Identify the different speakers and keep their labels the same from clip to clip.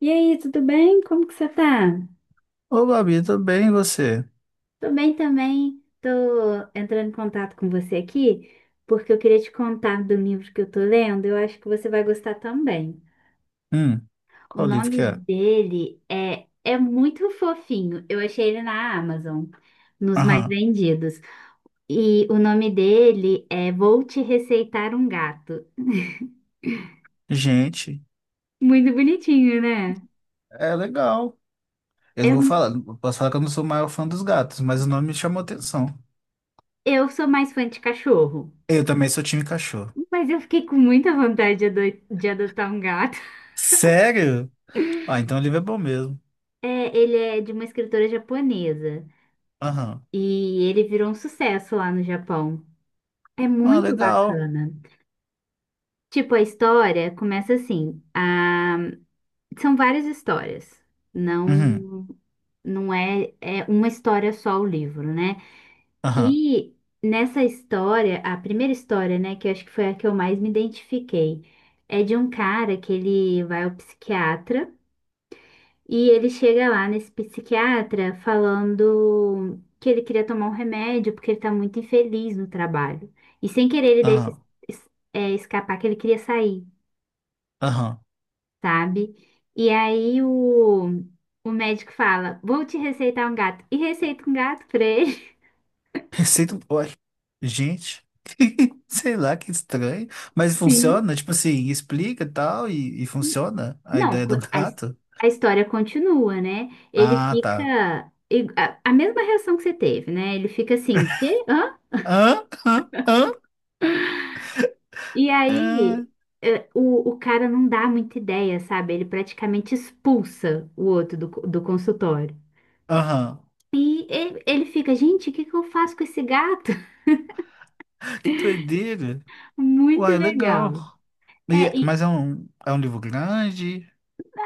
Speaker 1: E aí, tudo bem? Como que você tá?
Speaker 2: Ô, Babi, tudo bem, e você?
Speaker 1: Tô bem também. Tô entrando em contato com você aqui porque eu queria te contar do livro que eu tô lendo. Eu acho que você vai gostar também.
Speaker 2: Hum,
Speaker 1: O
Speaker 2: qual livro que
Speaker 1: nome
Speaker 2: é?
Speaker 1: dele é muito fofinho. Eu achei ele na Amazon, nos mais
Speaker 2: Aham.
Speaker 1: vendidos. E o nome dele é Vou Te Receitar um Gato.
Speaker 2: Gente,
Speaker 1: Muito bonitinho, né?
Speaker 2: é legal. Eu não vou
Speaker 1: Eu,
Speaker 2: falar, eu posso falar que eu não sou o maior fã dos gatos, mas o nome me chamou atenção.
Speaker 1: eu sou mais fã de cachorro,
Speaker 2: Eu também sou time cachorro.
Speaker 1: mas eu fiquei com muita vontade de de adotar um gato.
Speaker 2: Sério? Ah, então o livro é bom mesmo.
Speaker 1: É, ele é de uma escritora japonesa
Speaker 2: Aham.
Speaker 1: e ele virou um sucesso lá no Japão. É
Speaker 2: Ah,
Speaker 1: muito
Speaker 2: legal.
Speaker 1: bacana. Tipo, a história começa assim. São várias histórias.
Speaker 2: Uhum.
Speaker 1: Não, não é, é uma história só o livro, né?
Speaker 2: Aham.
Speaker 1: E nessa história, a primeira história, né, que eu acho que foi a que eu mais me identifiquei, é de um cara que ele vai ao psiquiatra. E ele chega lá nesse psiquiatra falando que ele queria tomar um remédio porque ele tá muito infeliz no trabalho. E sem querer ele deixa
Speaker 2: Aham.
Speaker 1: escapar que ele queria sair,
Speaker 2: Aham.
Speaker 1: sabe? E aí o médico fala: Vou te receitar um gato. E receita um gato pra ele.
Speaker 2: Receita. Ué. Gente. Sei lá, que estranho. Mas
Speaker 1: Sim.
Speaker 2: funciona? Tipo assim, explica e tal, e funciona a
Speaker 1: Não,
Speaker 2: ideia do gato?
Speaker 1: a história continua, né? Ele
Speaker 2: Ah,
Speaker 1: fica.
Speaker 2: tá.
Speaker 1: A mesma reação que você teve, né? Ele fica assim: Quê? Hã?
Speaker 2: Hã? Hã? Hã?
Speaker 1: E aí,
Speaker 2: É,
Speaker 1: o cara não dá muita ideia, sabe? Ele praticamente expulsa o outro do, do consultório.
Speaker 2: aham.
Speaker 1: E ele fica, gente, o que que eu faço com esse gato?
Speaker 2: Que doideira.
Speaker 1: Muito
Speaker 2: Uai, legal.
Speaker 1: legal.
Speaker 2: E é-
Speaker 1: É, e,
Speaker 2: mas é um livro grande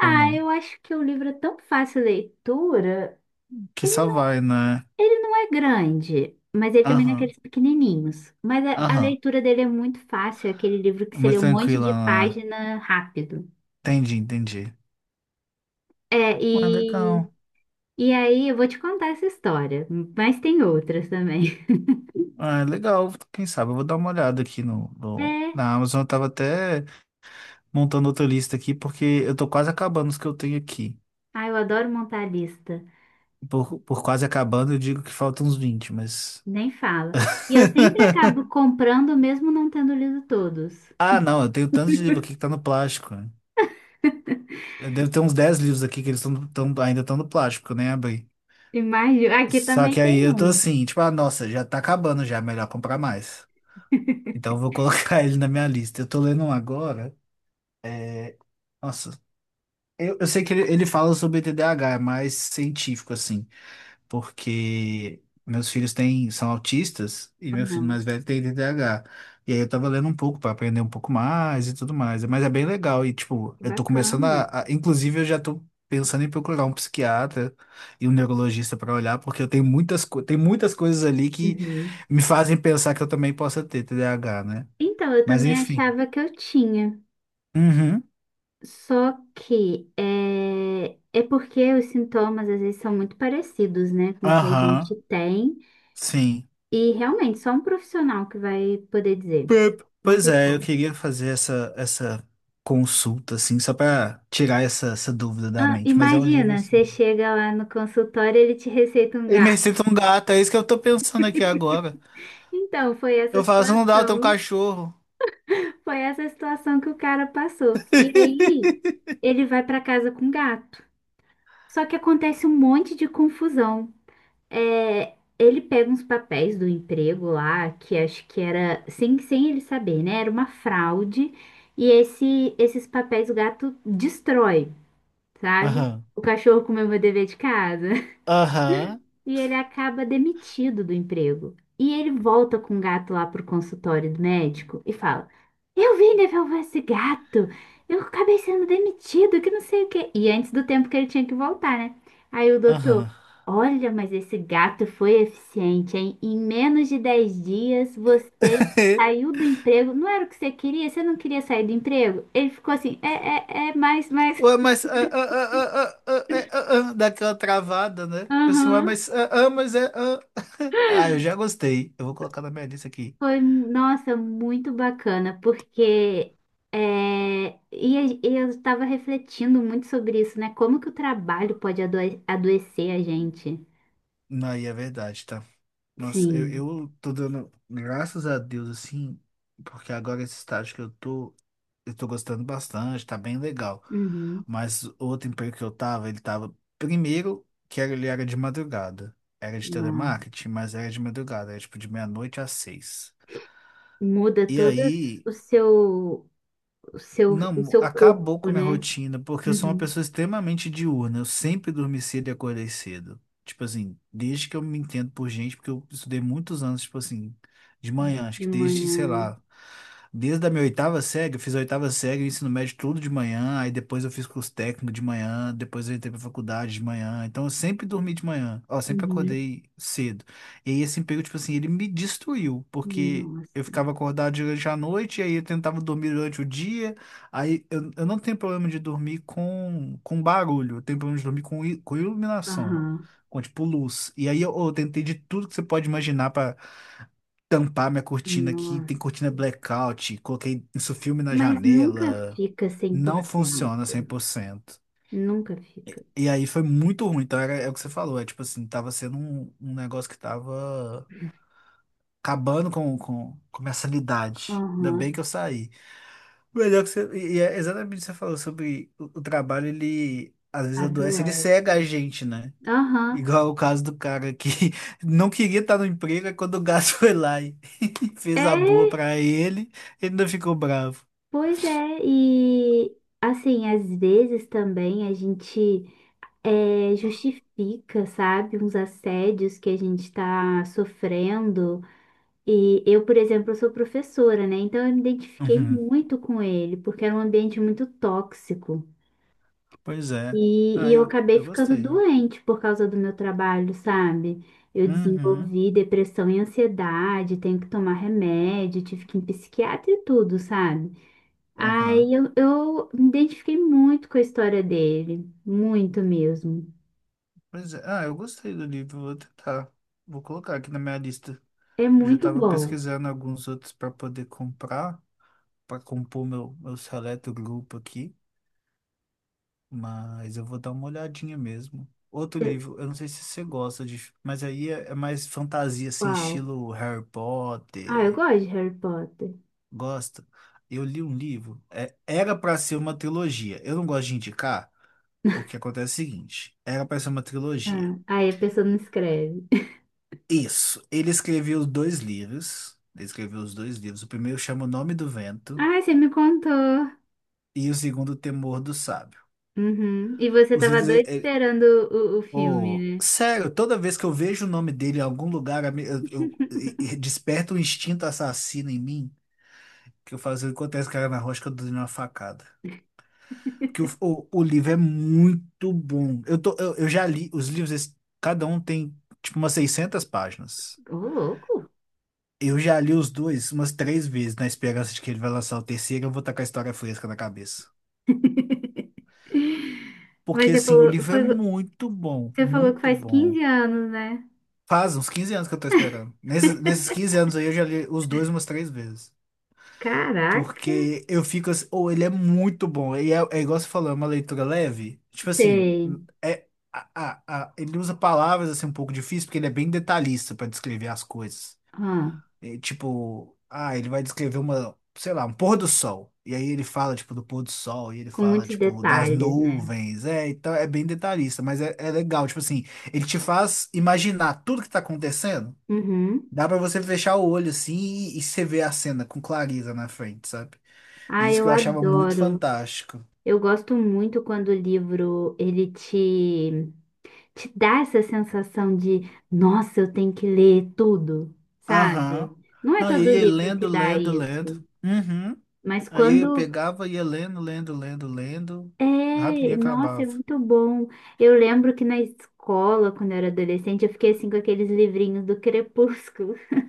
Speaker 2: ou não?
Speaker 1: eu acho que o livro é tão fácil de leitura.
Speaker 2: Que
Speaker 1: Ele,
Speaker 2: só vai, né?
Speaker 1: ele não é grande, mas ele também não é
Speaker 2: Aham,
Speaker 1: aqueles pequenininhos. Mas a
Speaker 2: aham.
Speaker 1: leitura dele é muito fácil, é aquele livro que
Speaker 2: É
Speaker 1: você lê
Speaker 2: muito
Speaker 1: um monte
Speaker 2: tranquila,
Speaker 1: de
Speaker 2: né?
Speaker 1: página rápido.
Speaker 2: Entendi, entendi.
Speaker 1: É,
Speaker 2: Uai,
Speaker 1: e
Speaker 2: legal.
Speaker 1: E aí, eu vou te contar essa história, mas tem outras também.
Speaker 2: Uai, legal. Quem sabe eu vou dar uma olhada aqui no, no-
Speaker 1: É,
Speaker 2: na Amazon. Eu tava até montando outra lista aqui porque eu tô quase acabando os que eu tenho aqui.
Speaker 1: eu adoro montar lista,
Speaker 2: Por quase acabando, eu digo que faltam uns 20, mas.
Speaker 1: nem fala. E eu sempre acabo comprando, mesmo não tendo lido todos.
Speaker 2: Ah, não, eu tenho tanto de livro aqui que tá no plástico, né? Deve ter uns 10 livros aqui que eles ainda estão no plástico, que eu nem abri.
Speaker 1: Imagina, aqui
Speaker 2: Só
Speaker 1: também
Speaker 2: que aí
Speaker 1: tem
Speaker 2: eu tô
Speaker 1: um.
Speaker 2: assim, tipo, ah, nossa, já tá acabando já, melhor comprar mais. Então eu vou colocar ele na minha lista. Eu tô lendo um agora. Nossa, eu sei que ele fala sobre TDAH é mais científico, assim. Porque meus filhos têm, são autistas e meu filho mais
Speaker 1: Uhum.
Speaker 2: velho tem TDAH. E aí eu tava lendo um pouco para aprender um pouco mais e tudo mais. Mas é bem legal. E, tipo,
Speaker 1: Que
Speaker 2: eu tô começando,
Speaker 1: bacana.
Speaker 2: inclusive, eu já tô pensando em procurar um psiquiatra e um neurologista para olhar, porque eu tenho muitas, co- tem muitas coisas ali que
Speaker 1: Uhum.
Speaker 2: me fazem pensar que eu também possa ter TDAH, né?
Speaker 1: Então, eu
Speaker 2: Mas
Speaker 1: também
Speaker 2: enfim.
Speaker 1: achava que eu tinha,
Speaker 2: Uhum.
Speaker 1: só que é porque os sintomas às vezes são muito parecidos, né, com o que a gente
Speaker 2: Aham.
Speaker 1: tem.
Speaker 2: Sim.
Speaker 1: E realmente, só um profissional que vai poder dizer.
Speaker 2: Pep.
Speaker 1: Não
Speaker 2: Pois
Speaker 1: tem
Speaker 2: é, eu
Speaker 1: como.
Speaker 2: queria fazer essa consulta, assim, só pra tirar essa dúvida da
Speaker 1: Ah,
Speaker 2: mente. Mas é um livro.
Speaker 1: imagina,
Speaker 2: Assim.
Speaker 1: você chega lá no consultório e ele te receita um
Speaker 2: E me
Speaker 1: gato.
Speaker 2: receita um gato, é isso que eu tô pensando aqui agora.
Speaker 1: Então, foi essa
Speaker 2: Eu falo, se não dá, eu tenho um
Speaker 1: situação.
Speaker 2: cachorro.
Speaker 1: Foi essa situação que o cara passou. E aí, ele vai para casa com o gato. Só que acontece um monte de confusão. É, ele pega uns papéis do emprego lá, que acho que era, sem, sem ele saber, né? Era uma fraude. E esses papéis o gato destrói, sabe?
Speaker 2: Aham.
Speaker 1: O cachorro comeu meu dever de casa.
Speaker 2: Aham.
Speaker 1: E ele acaba demitido do emprego. E ele volta com o gato lá pro consultório do médico e fala: Eu vim devolver esse gato. Eu acabei sendo demitido, que não sei o quê. E antes do tempo que ele tinha que voltar, né? Aí o doutor:
Speaker 2: Aham.
Speaker 1: Olha, mas esse gato foi eficiente, hein? Em menos de 10 dias você saiu do emprego. Não era o que você queria? Você não queria sair do emprego? Ele ficou assim: É, é, é, mais, mais.
Speaker 2: Ué, mas. Ah, ah, ah, ah, ah, ah, é, ah, ah, ah, dá aquela travada, né? Tipo assim, ué,
Speaker 1: Aham.
Speaker 2: mas. Ah, ah, mas é. Ah, ah, eu já gostei. Eu vou colocar na minha lista aqui.
Speaker 1: Foi, nossa, muito bacana, porque é, e eu estava refletindo muito sobre isso, né? Como que o trabalho pode adoecer a gente?
Speaker 2: Não, aí é verdade, tá? Nossa, eu,
Speaker 1: Sim.
Speaker 2: eu tô dando graças a Deus, assim, porque agora esse estágio que eu tô gostando bastante, tá bem legal.
Speaker 1: Uhum.
Speaker 2: Mas o outro emprego que eu tava, ele tava, primeiro, que era, ele era de madrugada. Era de
Speaker 1: Nossa,
Speaker 2: telemarketing, mas era de madrugada, era tipo de meia-noite às seis.
Speaker 1: muda
Speaker 2: E
Speaker 1: todo
Speaker 2: aí,
Speaker 1: o seu, o
Speaker 2: não,
Speaker 1: seu
Speaker 2: acabou
Speaker 1: corpo,
Speaker 2: com a minha
Speaker 1: né?
Speaker 2: rotina, porque eu sou uma
Speaker 1: Uhum.
Speaker 2: pessoa extremamente diurna. Eu sempre dormi cedo e acordei cedo. Tipo assim, desde que eu me entendo por gente, porque eu estudei muitos anos, tipo assim, de manhã, acho
Speaker 1: De
Speaker 2: que desde, sei
Speaker 1: manhã.
Speaker 2: lá, desde a minha oitava série, eu fiz a oitava série, ensino médio tudo de manhã, aí depois eu fiz curso técnico de manhã, depois eu entrei pra faculdade de manhã. Então eu sempre dormi de manhã, ó, sempre
Speaker 1: Uhum.
Speaker 2: acordei cedo. E aí esse emprego, tipo assim, ele me destruiu, porque eu
Speaker 1: Nossa.
Speaker 2: ficava acordado durante a noite, e aí eu tentava dormir durante o dia. Aí eu não tenho problema de dormir com barulho, eu tenho problema de dormir com iluminação,
Speaker 1: Aham.
Speaker 2: com tipo luz. E aí eu tentei de tudo que você pode imaginar pra tampar minha cortina aqui.
Speaker 1: Nossa.
Speaker 2: Tem cortina blackout, coloquei isso filme na
Speaker 1: Mas nunca
Speaker 2: janela.
Speaker 1: fica cem por
Speaker 2: Não funciona
Speaker 1: cento
Speaker 2: 100%.
Speaker 1: Nunca fica.
Speaker 2: E aí foi muito ruim. Então era, é o que você falou, é tipo assim, tava sendo um negócio que tava acabando com minha sanidade. Ainda bem
Speaker 1: Aham.
Speaker 2: que eu saí. Melhor que você. E é exatamente o que você falou sobre o trabalho, ele às vezes adoece, ele
Speaker 1: Adoece.
Speaker 2: cega a gente, né?
Speaker 1: Aham.
Speaker 2: Igual o caso do cara que não queria estar no emprego, aí quando o gás foi lá e fez a boa
Speaker 1: É,
Speaker 2: pra ele, ele ainda ficou bravo.
Speaker 1: pois é. E assim, às vezes também a gente justifica, sabe, uns assédios que a gente está sofrendo. E eu, por exemplo, sou professora, né? Então eu me identifiquei
Speaker 2: Uhum.
Speaker 1: muito com ele, porque era um ambiente muito tóxico.
Speaker 2: Pois é.
Speaker 1: E
Speaker 2: Ah,
Speaker 1: eu
Speaker 2: eu,
Speaker 1: acabei
Speaker 2: eu
Speaker 1: ficando
Speaker 2: gostei.
Speaker 1: doente por causa do meu trabalho, sabe? Eu
Speaker 2: Uhum.
Speaker 1: desenvolvi depressão e ansiedade, tenho que tomar remédio, tive que ir em psiquiatra e tudo, sabe?
Speaker 2: Uhum.
Speaker 1: Eu me identifiquei muito com a história dele, muito mesmo.
Speaker 2: Pois é. Ah, eu gostei do livro, vou tentar. Vou colocar aqui na minha lista.
Speaker 1: É
Speaker 2: Eu já
Speaker 1: muito
Speaker 2: tava
Speaker 1: bom.
Speaker 2: pesquisando alguns outros para poder comprar, para compor meu seleto grupo aqui. Mas eu vou dar uma olhadinha mesmo. Outro livro, eu não sei se você gosta de, mas aí é mais fantasia, assim,
Speaker 1: Uau.
Speaker 2: estilo Harry
Speaker 1: Ah, eu
Speaker 2: Potter.
Speaker 1: gosto de Harry Potter.
Speaker 2: Gosta? Eu li um livro, era para ser uma trilogia. Eu não gosto de indicar, porque acontece o seguinte: era para ser uma trilogia.
Speaker 1: Ah, aí a pessoa não escreve.
Speaker 2: Isso, ele escreveu os dois livros. Ele escreveu os dois livros. O primeiro chama O Nome do Vento
Speaker 1: Ah, você me contou.
Speaker 2: e o segundo, O Temor do Sábio.
Speaker 1: Uhum. E você
Speaker 2: Os
Speaker 1: tava
Speaker 2: livros,
Speaker 1: doido esperando o filme,
Speaker 2: oh,
Speaker 1: né?
Speaker 2: sério, toda vez que eu vejo o nome dele em algum lugar, a me- eu- e desperta um instinto assassino em mim, que eu faço enquanto esse cara na rocha que eu dou uma facada. Porque o livro é muito bom. Eu já li os livros, cada um tem tipo umas 600 páginas.
Speaker 1: Ô, louco.
Speaker 2: Eu já li os dois umas três vezes, na esperança de que ele vai lançar o terceiro, e eu vou estar com a história fresca na cabeça.
Speaker 1: Mas
Speaker 2: Porque
Speaker 1: você
Speaker 2: assim, o
Speaker 1: falou,
Speaker 2: livro é
Speaker 1: foi,
Speaker 2: muito bom,
Speaker 1: você falou que
Speaker 2: muito
Speaker 1: faz
Speaker 2: bom.
Speaker 1: 15 anos, né?
Speaker 2: Faz uns 15 anos que eu tô esperando. Nesses 15 anos aí eu já li os dois umas três vezes.
Speaker 1: Caraca.
Speaker 2: Porque eu fico assim, ou ele é muito bom. E é igual você falou, é uma leitura leve. Tipo assim,
Speaker 1: Tem.
Speaker 2: é, ele usa palavras assim um pouco difíceis, porque ele é bem detalhista pra descrever as coisas.
Speaker 1: Ah,
Speaker 2: É, tipo, ah, ele vai descrever uma, sei lá, um pôr do sol. E aí ele fala, tipo, do pôr do sol, e ele
Speaker 1: com
Speaker 2: fala,
Speaker 1: muitos
Speaker 2: tipo, das
Speaker 1: detalhes, né?
Speaker 2: nuvens. É, então é bem detalhista, mas é legal. Tipo assim, ele te faz imaginar tudo que tá acontecendo.
Speaker 1: Uhum.
Speaker 2: Dá pra você fechar o olho assim e você vê a cena com clareza na frente, sabe?
Speaker 1: Ah,
Speaker 2: Isso
Speaker 1: eu
Speaker 2: que eu achava muito
Speaker 1: adoro.
Speaker 2: fantástico.
Speaker 1: Eu gosto muito quando o livro ele te, te dá essa sensação de, nossa, eu tenho que ler tudo,
Speaker 2: Aham.
Speaker 1: sabe? Não é
Speaker 2: Não, e eu
Speaker 1: todo
Speaker 2: ia
Speaker 1: livro que
Speaker 2: lendo,
Speaker 1: dá
Speaker 2: lendo, lendo.
Speaker 1: isso,
Speaker 2: Uhum.
Speaker 1: mas
Speaker 2: Aí eu
Speaker 1: quando
Speaker 2: pegava, ia lendo, lendo, lendo, lendo.
Speaker 1: é,
Speaker 2: Rapidinho
Speaker 1: nossa, é
Speaker 2: acabava.
Speaker 1: muito bom. Eu lembro que na escola, quando eu era adolescente, eu fiquei assim com aqueles livrinhos do Crepúsculo.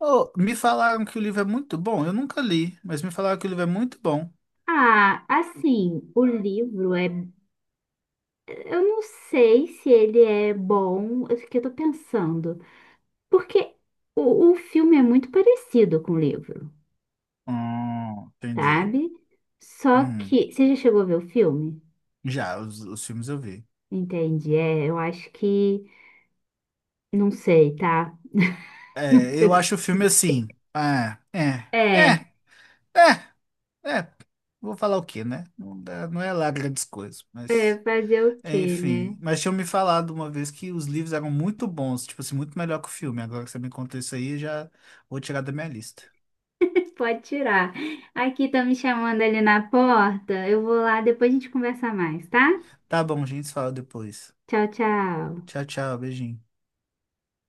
Speaker 2: Oh, me falaram que o livro é muito bom. Eu nunca li, mas me falaram que o livro é muito bom.
Speaker 1: Ah, assim, o livro é, eu não sei se ele é bom, eu fiquei, eu tô pensando. Porque o filme é muito parecido com o livro,
Speaker 2: Entendi.
Speaker 1: sabe? Só
Speaker 2: Uhum.
Speaker 1: que. Você já chegou a ver o filme?
Speaker 2: Já, os filmes eu vi.
Speaker 1: Entende? É, eu acho que. Não sei, tá? Não
Speaker 2: É,
Speaker 1: sei
Speaker 2: eu
Speaker 1: o que.
Speaker 2: acho o filme assim. Ah,
Speaker 1: É,
Speaker 2: é, é, é. é, vou falar o quê, né? Não é lá grandes coisas,
Speaker 1: é
Speaker 2: mas.
Speaker 1: fazer o quê, né?
Speaker 2: Enfim. Mas tinham me falado uma vez que os livros eram muito bons, tipo assim, muito melhor que o filme. Agora que você me contou isso aí, eu já vou tirar da minha lista.
Speaker 1: Pode tirar. Aqui estão me chamando ali na porta. Eu vou lá, depois a gente conversa mais, tá?
Speaker 2: Tá bom, gente, se fala depois.
Speaker 1: Tchau, tchau.
Speaker 2: Tchau, tchau, beijinho.